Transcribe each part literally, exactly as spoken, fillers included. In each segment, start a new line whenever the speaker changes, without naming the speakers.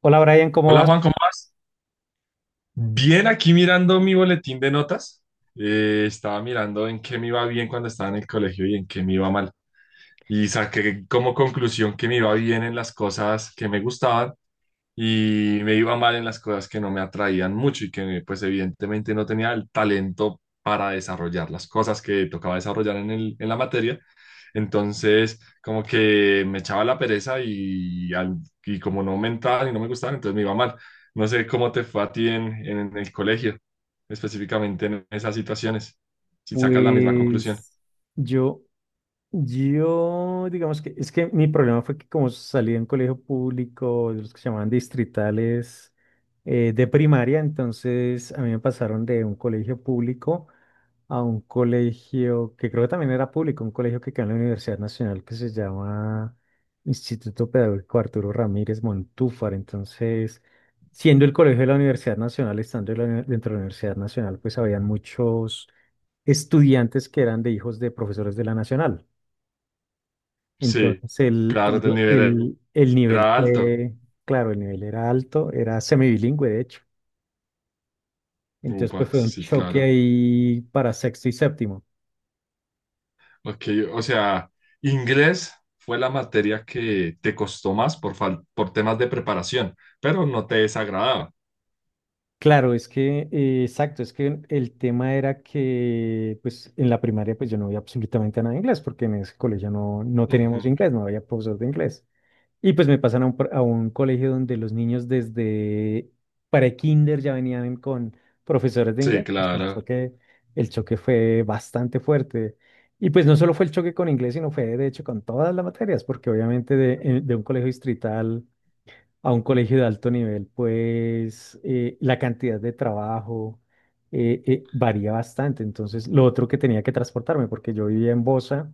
Hola Brian, ¿cómo
Hola
vas?
Juan, ¿cómo vas? Bien, aquí mirando mi boletín de notas. Eh, estaba mirando en qué me iba bien cuando estaba en el colegio y en qué me iba mal. Y saqué como conclusión que me iba bien en las cosas que me gustaban y me iba mal en las cosas que no me atraían mucho y que pues evidentemente no tenía el talento para desarrollar las cosas que tocaba desarrollar en el, en la materia. Entonces, como que me echaba la pereza y, al- y como no aumentaban y no me gustaban, entonces me iba mal. No sé cómo te fue a ti en, en el colegio, específicamente en esas situaciones, si sacas la misma conclusión.
Pues yo, yo, digamos que es que mi problema fue que como salí de un colegio público, de los que se llamaban distritales eh, de primaria, entonces a mí me pasaron de un colegio público a un colegio que creo que también era público, un colegio que queda en la Universidad Nacional que se llama Instituto Pedagógico Arturo Ramírez Montúfar. Entonces, siendo el colegio de la Universidad Nacional, estando en la uni- dentro de la Universidad Nacional, pues habían muchos estudiantes que eran de hijos de profesores de la Nacional.
Sí,
Entonces el,
claro,
el,
el nivel
el- el nivel
era alto.
fue, claro, el nivel era alto, era semibilingüe de hecho. Entonces pues
Upa,
fue un
sí,
choque
claro.
ahí para sexto y séptimo.
Ok, o sea, inglés fue la materia que te costó más por, fal- por temas de preparación, pero no te desagradaba.
Claro, es que, eh, exacto, es que el tema era que pues en la primaria pues yo no veía absolutamente nada de inglés porque en ese colegio no, no teníamos
Ujú.
inglés, no había profesor de inglés. Y pues me pasan a un, pr- a un colegio donde los niños desde pre-kinder ya venían con profesores de
Sí,
inglés. Pues el
claro.
choque, el choque fue bastante fuerte. Y pues no solo fue el choque con inglés, sino fue de hecho con todas las materias, porque obviamente de, eh, de un colegio distrital a un colegio de alto nivel, pues eh, la cantidad de trabajo eh, eh, varía bastante. Entonces, lo otro que tenía que transportarme, porque yo vivía en Bosa.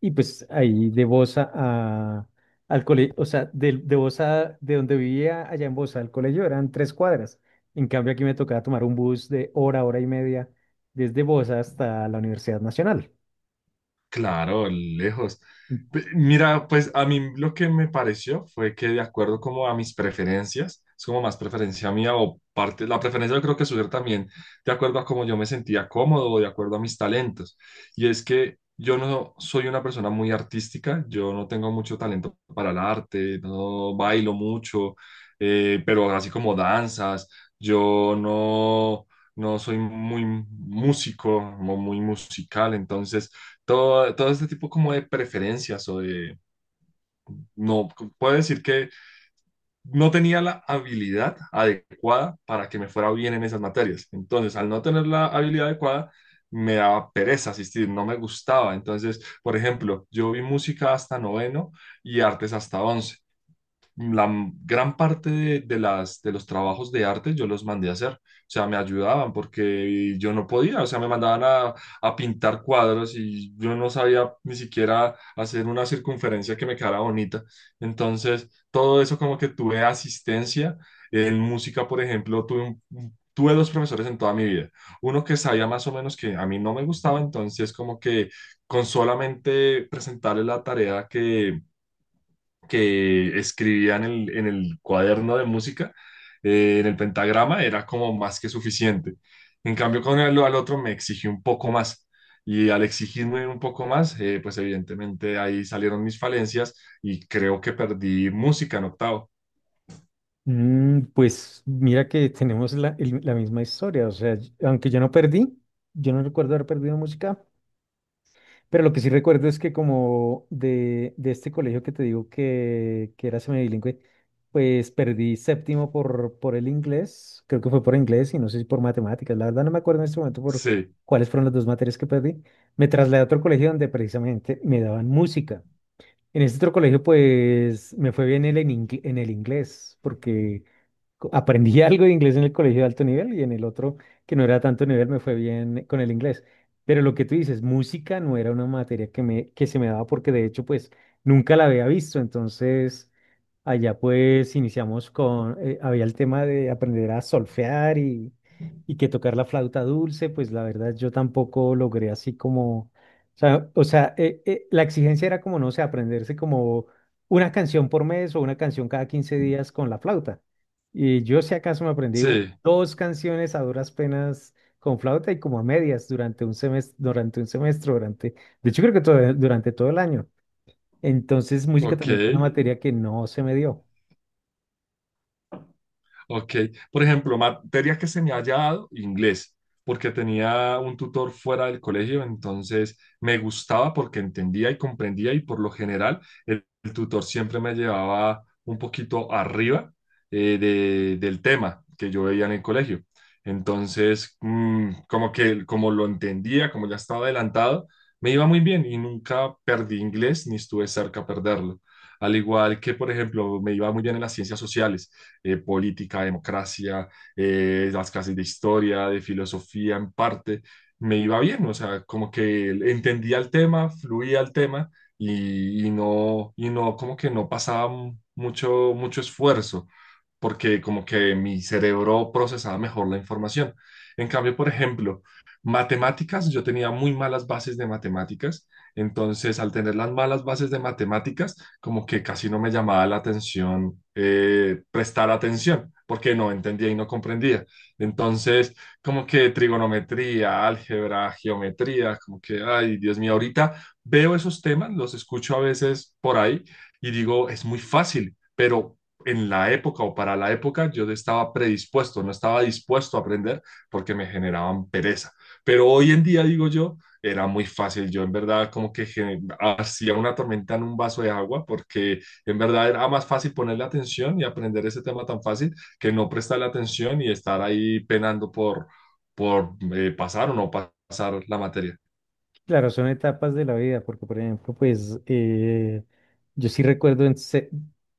Y pues ahí de Bosa a, al colegio, o sea, de, de Bosa, de donde vivía allá en Bosa al colegio eran tres cuadras. En cambio aquí me tocaba tomar un bus de hora, hora y media desde Bosa hasta la Universidad Nacional.
Claro, lejos. Pe- Mira, pues a mí lo que me pareció fue que de acuerdo como a mis preferencias, es como más preferencia mía o parte, la preferencia yo creo que surge también de acuerdo a cómo yo me sentía cómodo o de acuerdo a mis talentos. Y es que yo no soy una persona muy artística, yo no tengo mucho talento para el arte, no bailo mucho, eh, pero así como danzas, yo no, no soy muy músico, mo- muy musical, entonces todo, todo este tipo como de preferencias o de, no, puedo decir que no tenía la habilidad adecuada para que me fuera bien en esas materias. Entonces, al no tener la habilidad adecuada, me daba pereza asistir, no me gustaba. Entonces, por ejemplo, yo vi música hasta noveno y artes hasta once, la m- gran parte de, de las, de los trabajos de arte yo los mandé a hacer, o sea, me ayudaban porque yo no podía, o sea, me mandaban a, a pintar cuadros y yo no sabía ni siquiera hacer una circunferencia que me quedara bonita. Entonces, todo eso como que tuve asistencia. En música, por ejemplo, tuve un- un- Tuve dos profesores en toda mi vida. Uno que sabía más o menos que a mí no me gustaba, entonces como que con solamente presentarle la tarea que, que escribía en el, en el cuaderno de música, eh, en el pentagrama, era como más que suficiente. En cambio, con el al otro me exigí un poco más. Y al exigirme un poco más, eh, pues evidentemente ahí salieron mis falencias y creo que perdí música en octavo.
Mm, pues mira que tenemos la, el- la misma historia, o sea, y- aunque yo no perdí, yo no recuerdo haber perdido música. Pero lo que sí recuerdo es que como de, de este colegio que te digo que, que era semibilingüe, pues perdí séptimo por, por el inglés, creo que fue por inglés y no sé si por matemáticas, la verdad no me acuerdo en este momento por
Sí,
cuáles fueron las dos materias que perdí. Me trasladé a otro colegio donde precisamente me daban música. En este otro colegio pues me fue bien el en, ingle- en el inglés porque co- aprendí algo de inglés en el colegio de alto nivel y en el otro, que no era tanto nivel, me fue bien con el inglés. Pero lo que tú dices, música no era una materia que me, que se me daba porque de hecho, pues nunca la había visto. Entonces, allá pues iniciamos con, eh, había el tema de aprender a solfear y, y que tocar la flauta dulce, pues la verdad yo tampoco logré así como, o sea, o sea, eh, eh, la exigencia era como, no sé, aprenderse como una canción por mes o una canción cada quince días con la flauta. Y yo si acaso me aprendí u-
sí,
dos canciones a duras penas con flauta y como a medias durante un semestre, durante un semestre, durante, de hecho creo que todo, durante todo el año. Entonces música
ok.
también fue una materia que no se me dio.
Ok, por ejemplo, materia que se me haya dado, inglés, porque tenía un tutor fuera del colegio, entonces me gustaba porque entendía y comprendía y por lo general el, el tutor siempre me llevaba un poquito arriba, eh, de- del tema que yo veía en el colegio. Entonces, mm, como que como lo entendía, como ya estaba adelantado, me iba muy bien y nunca perdí inglés ni estuve cerca a perderlo. Al igual que, por ejemplo, me iba muy bien en las ciencias sociales, eh, política, democracia, eh, las clases de historia, de filosofía en parte, me iba bien, o sea, como que entendía el tema, fluía el tema y, y no, y no, como que no pasaba mucho, mucho esfuerzo, porque como que mi cerebro procesaba mejor la información. En cambio, por ejemplo, matemáticas, yo tenía muy malas bases de matemáticas, entonces al tener las malas bases de matemáticas, como que casi no me llamaba la atención, eh, prestar atención, porque no entendía y no comprendía. Entonces, como que trigonometría, álgebra, geometría, como que, ay, Dios mío, ahorita veo esos temas, los escucho a veces por ahí y digo, es muy fácil, pero. En la época o para la época yo no estaba predispuesto, no estaba dispuesto a aprender porque me generaban pereza. Pero hoy en día digo yo, era muy fácil. Yo en verdad como que gen- hacía una tormenta en un vaso de agua porque en verdad era más fácil ponerle atención y aprender ese tema tan fácil que no prestarle atención y estar ahí penando por, por eh, pasar o no pa- pasar la materia.
Claro, son etapas de la vida, porque por ejemplo, pues eh, yo sí recuerdo, en se-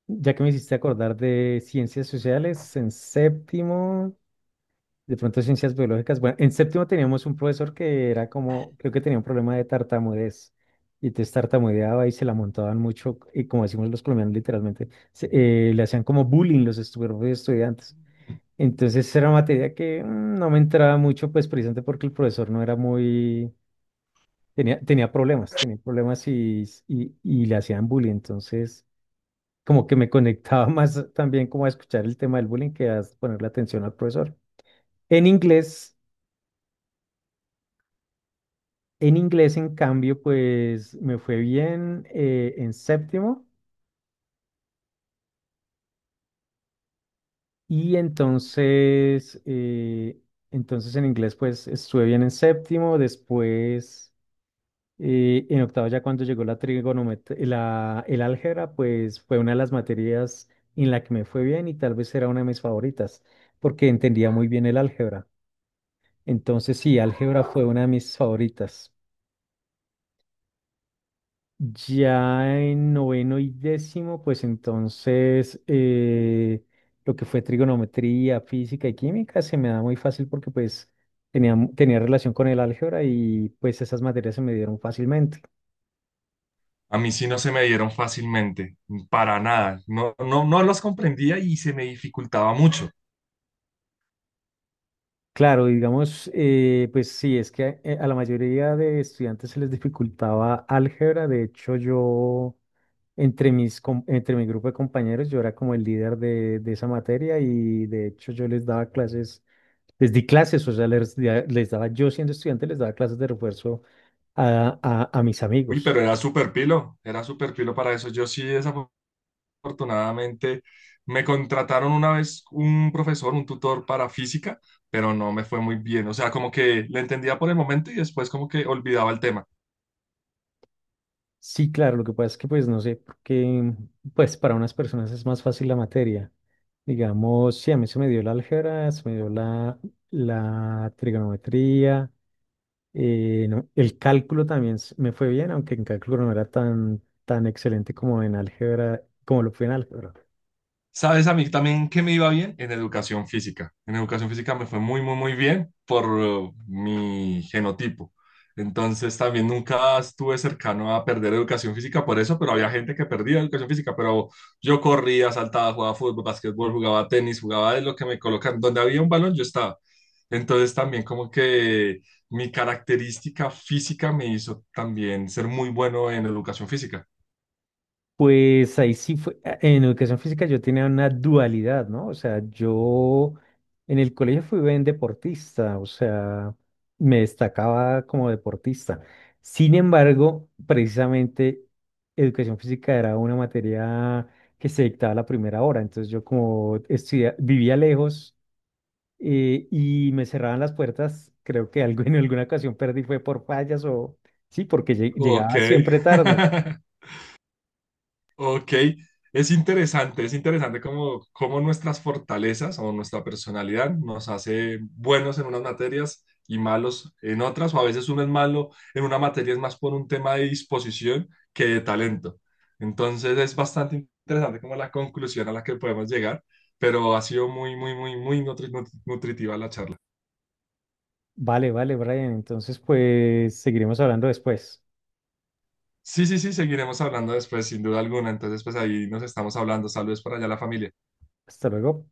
ya que me hiciste acordar de ciencias sociales, en séptimo. De pronto ciencias biológicas. Bueno, en séptimo teníamos un profesor que era como, creo que tenía un problema de tartamudez. Y entonces tartamudeaba y se la montaban mucho. Y como decimos los colombianos literalmente, se- eh, le hacían como bullying los estu- propios estudiantes. Entonces era materia que mm, no me entraba mucho, pues precisamente porque el profesor no era muy... Tenía, tenía problemas, tenía problemas y, y, y le hacían bullying. Entonces como que me conectaba más también como a escuchar el tema del bullying que a ponerle atención al profesor. En inglés... En inglés, en cambio, pues me fue bien eh, en séptimo y entonces, eh, entonces en inglés pues estuve bien en séptimo, después eh, en octavo ya cuando llegó la trigonometría, la, el álgebra, pues fue una de las materias en la que me fue bien y tal vez era una de mis favoritas porque entendía muy bien el álgebra. Entonces sí, álgebra fue una de mis favoritas. Ya en noveno y décimo, pues entonces eh, lo que fue trigonometría, física y química se me da muy fácil porque pues tenía, mu- tenía relación con el álgebra y pues esas materias se me dieron fácilmente.
A mí sí no se me dieron fácilmente, para nada. No, no, no los comprendía y se me dificultaba mucho.
Claro, y digamos, eh, pues sí, es que eh, a la mayoría de estudiantes se les dificultaba álgebra. De hecho, yo entre mis, com- entre mi grupo de compañeros, yo era como el líder de, de esa materia y de hecho yo les daba clases, les di clases, o sea, les, di- les daba, yo siendo estudiante, les daba clases de refuerzo a, a, a mis
Uy,
amigos.
pero era súper pilo, era súper pilo para eso. Yo sí, esa afortunadamente me contrataron una vez un profesor, un tutor para física, pero no me fue muy bien. O sea, como que le entendía por el momento y después como que olvidaba el tema.
Sí, claro, lo que pasa es que pues no sé, porque pues para unas personas es más fácil la materia. Digamos, sí, a mí se me dio la álgebra, se me dio la, la trigonometría. Eh, no, el cálculo también s- me fue bien, aunque en cálculo no era tan, tan excelente como en álgebra, como lo fue en álgebra.
¿Sabes a mí también que me iba bien? En educación física. En educación física me fue muy, muy, muy bien por eh, mi genotipo. Entonces también nunca estuve cercano a perder educación física por eso, pero había gente que perdía educación física, pero yo corría, saltaba, jugaba fútbol, básquetbol, jugaba tenis, jugaba de lo que me colocan. Donde había un balón, yo estaba. Entonces también como que mi característica física me hizo también ser muy bueno en educación física.
Pues ahí sí fue, a- en educación física yo tenía una dualidad, ¿no? O sea, yo en el colegio fui buen deportista, o sea, me destacaba como deportista. Sin embargo, precisamente educación física era una materia que se dictaba a la primera hora, entonces yo como estudia- vivía lejos. Eh, y me cerraban las puertas. Creo que algo, en alguna ocasión perdí fue por fallas o sí, porque lle-
Ok.
llegaba siempre Sí. tarde.
Ok, es interesante, es interesante cómo, cómo nuestras fortalezas o nuestra personalidad nos hace buenos en unas materias y malos en otras, o a veces uno es malo en una materia es más por un tema de disposición que de talento. Entonces es bastante interesante como la conclusión a la que podemos llegar, pero ha sido muy, muy, muy, muy nutri- nut- nutritiva la charla.
Vale, vale, Brian. Entonces, pues seguiremos hablando después.
Sí, sí, sí, seguiremos hablando después, sin duda alguna. Entonces, pues ahí nos estamos hablando. Saludos para allá a la familia.
Hasta luego.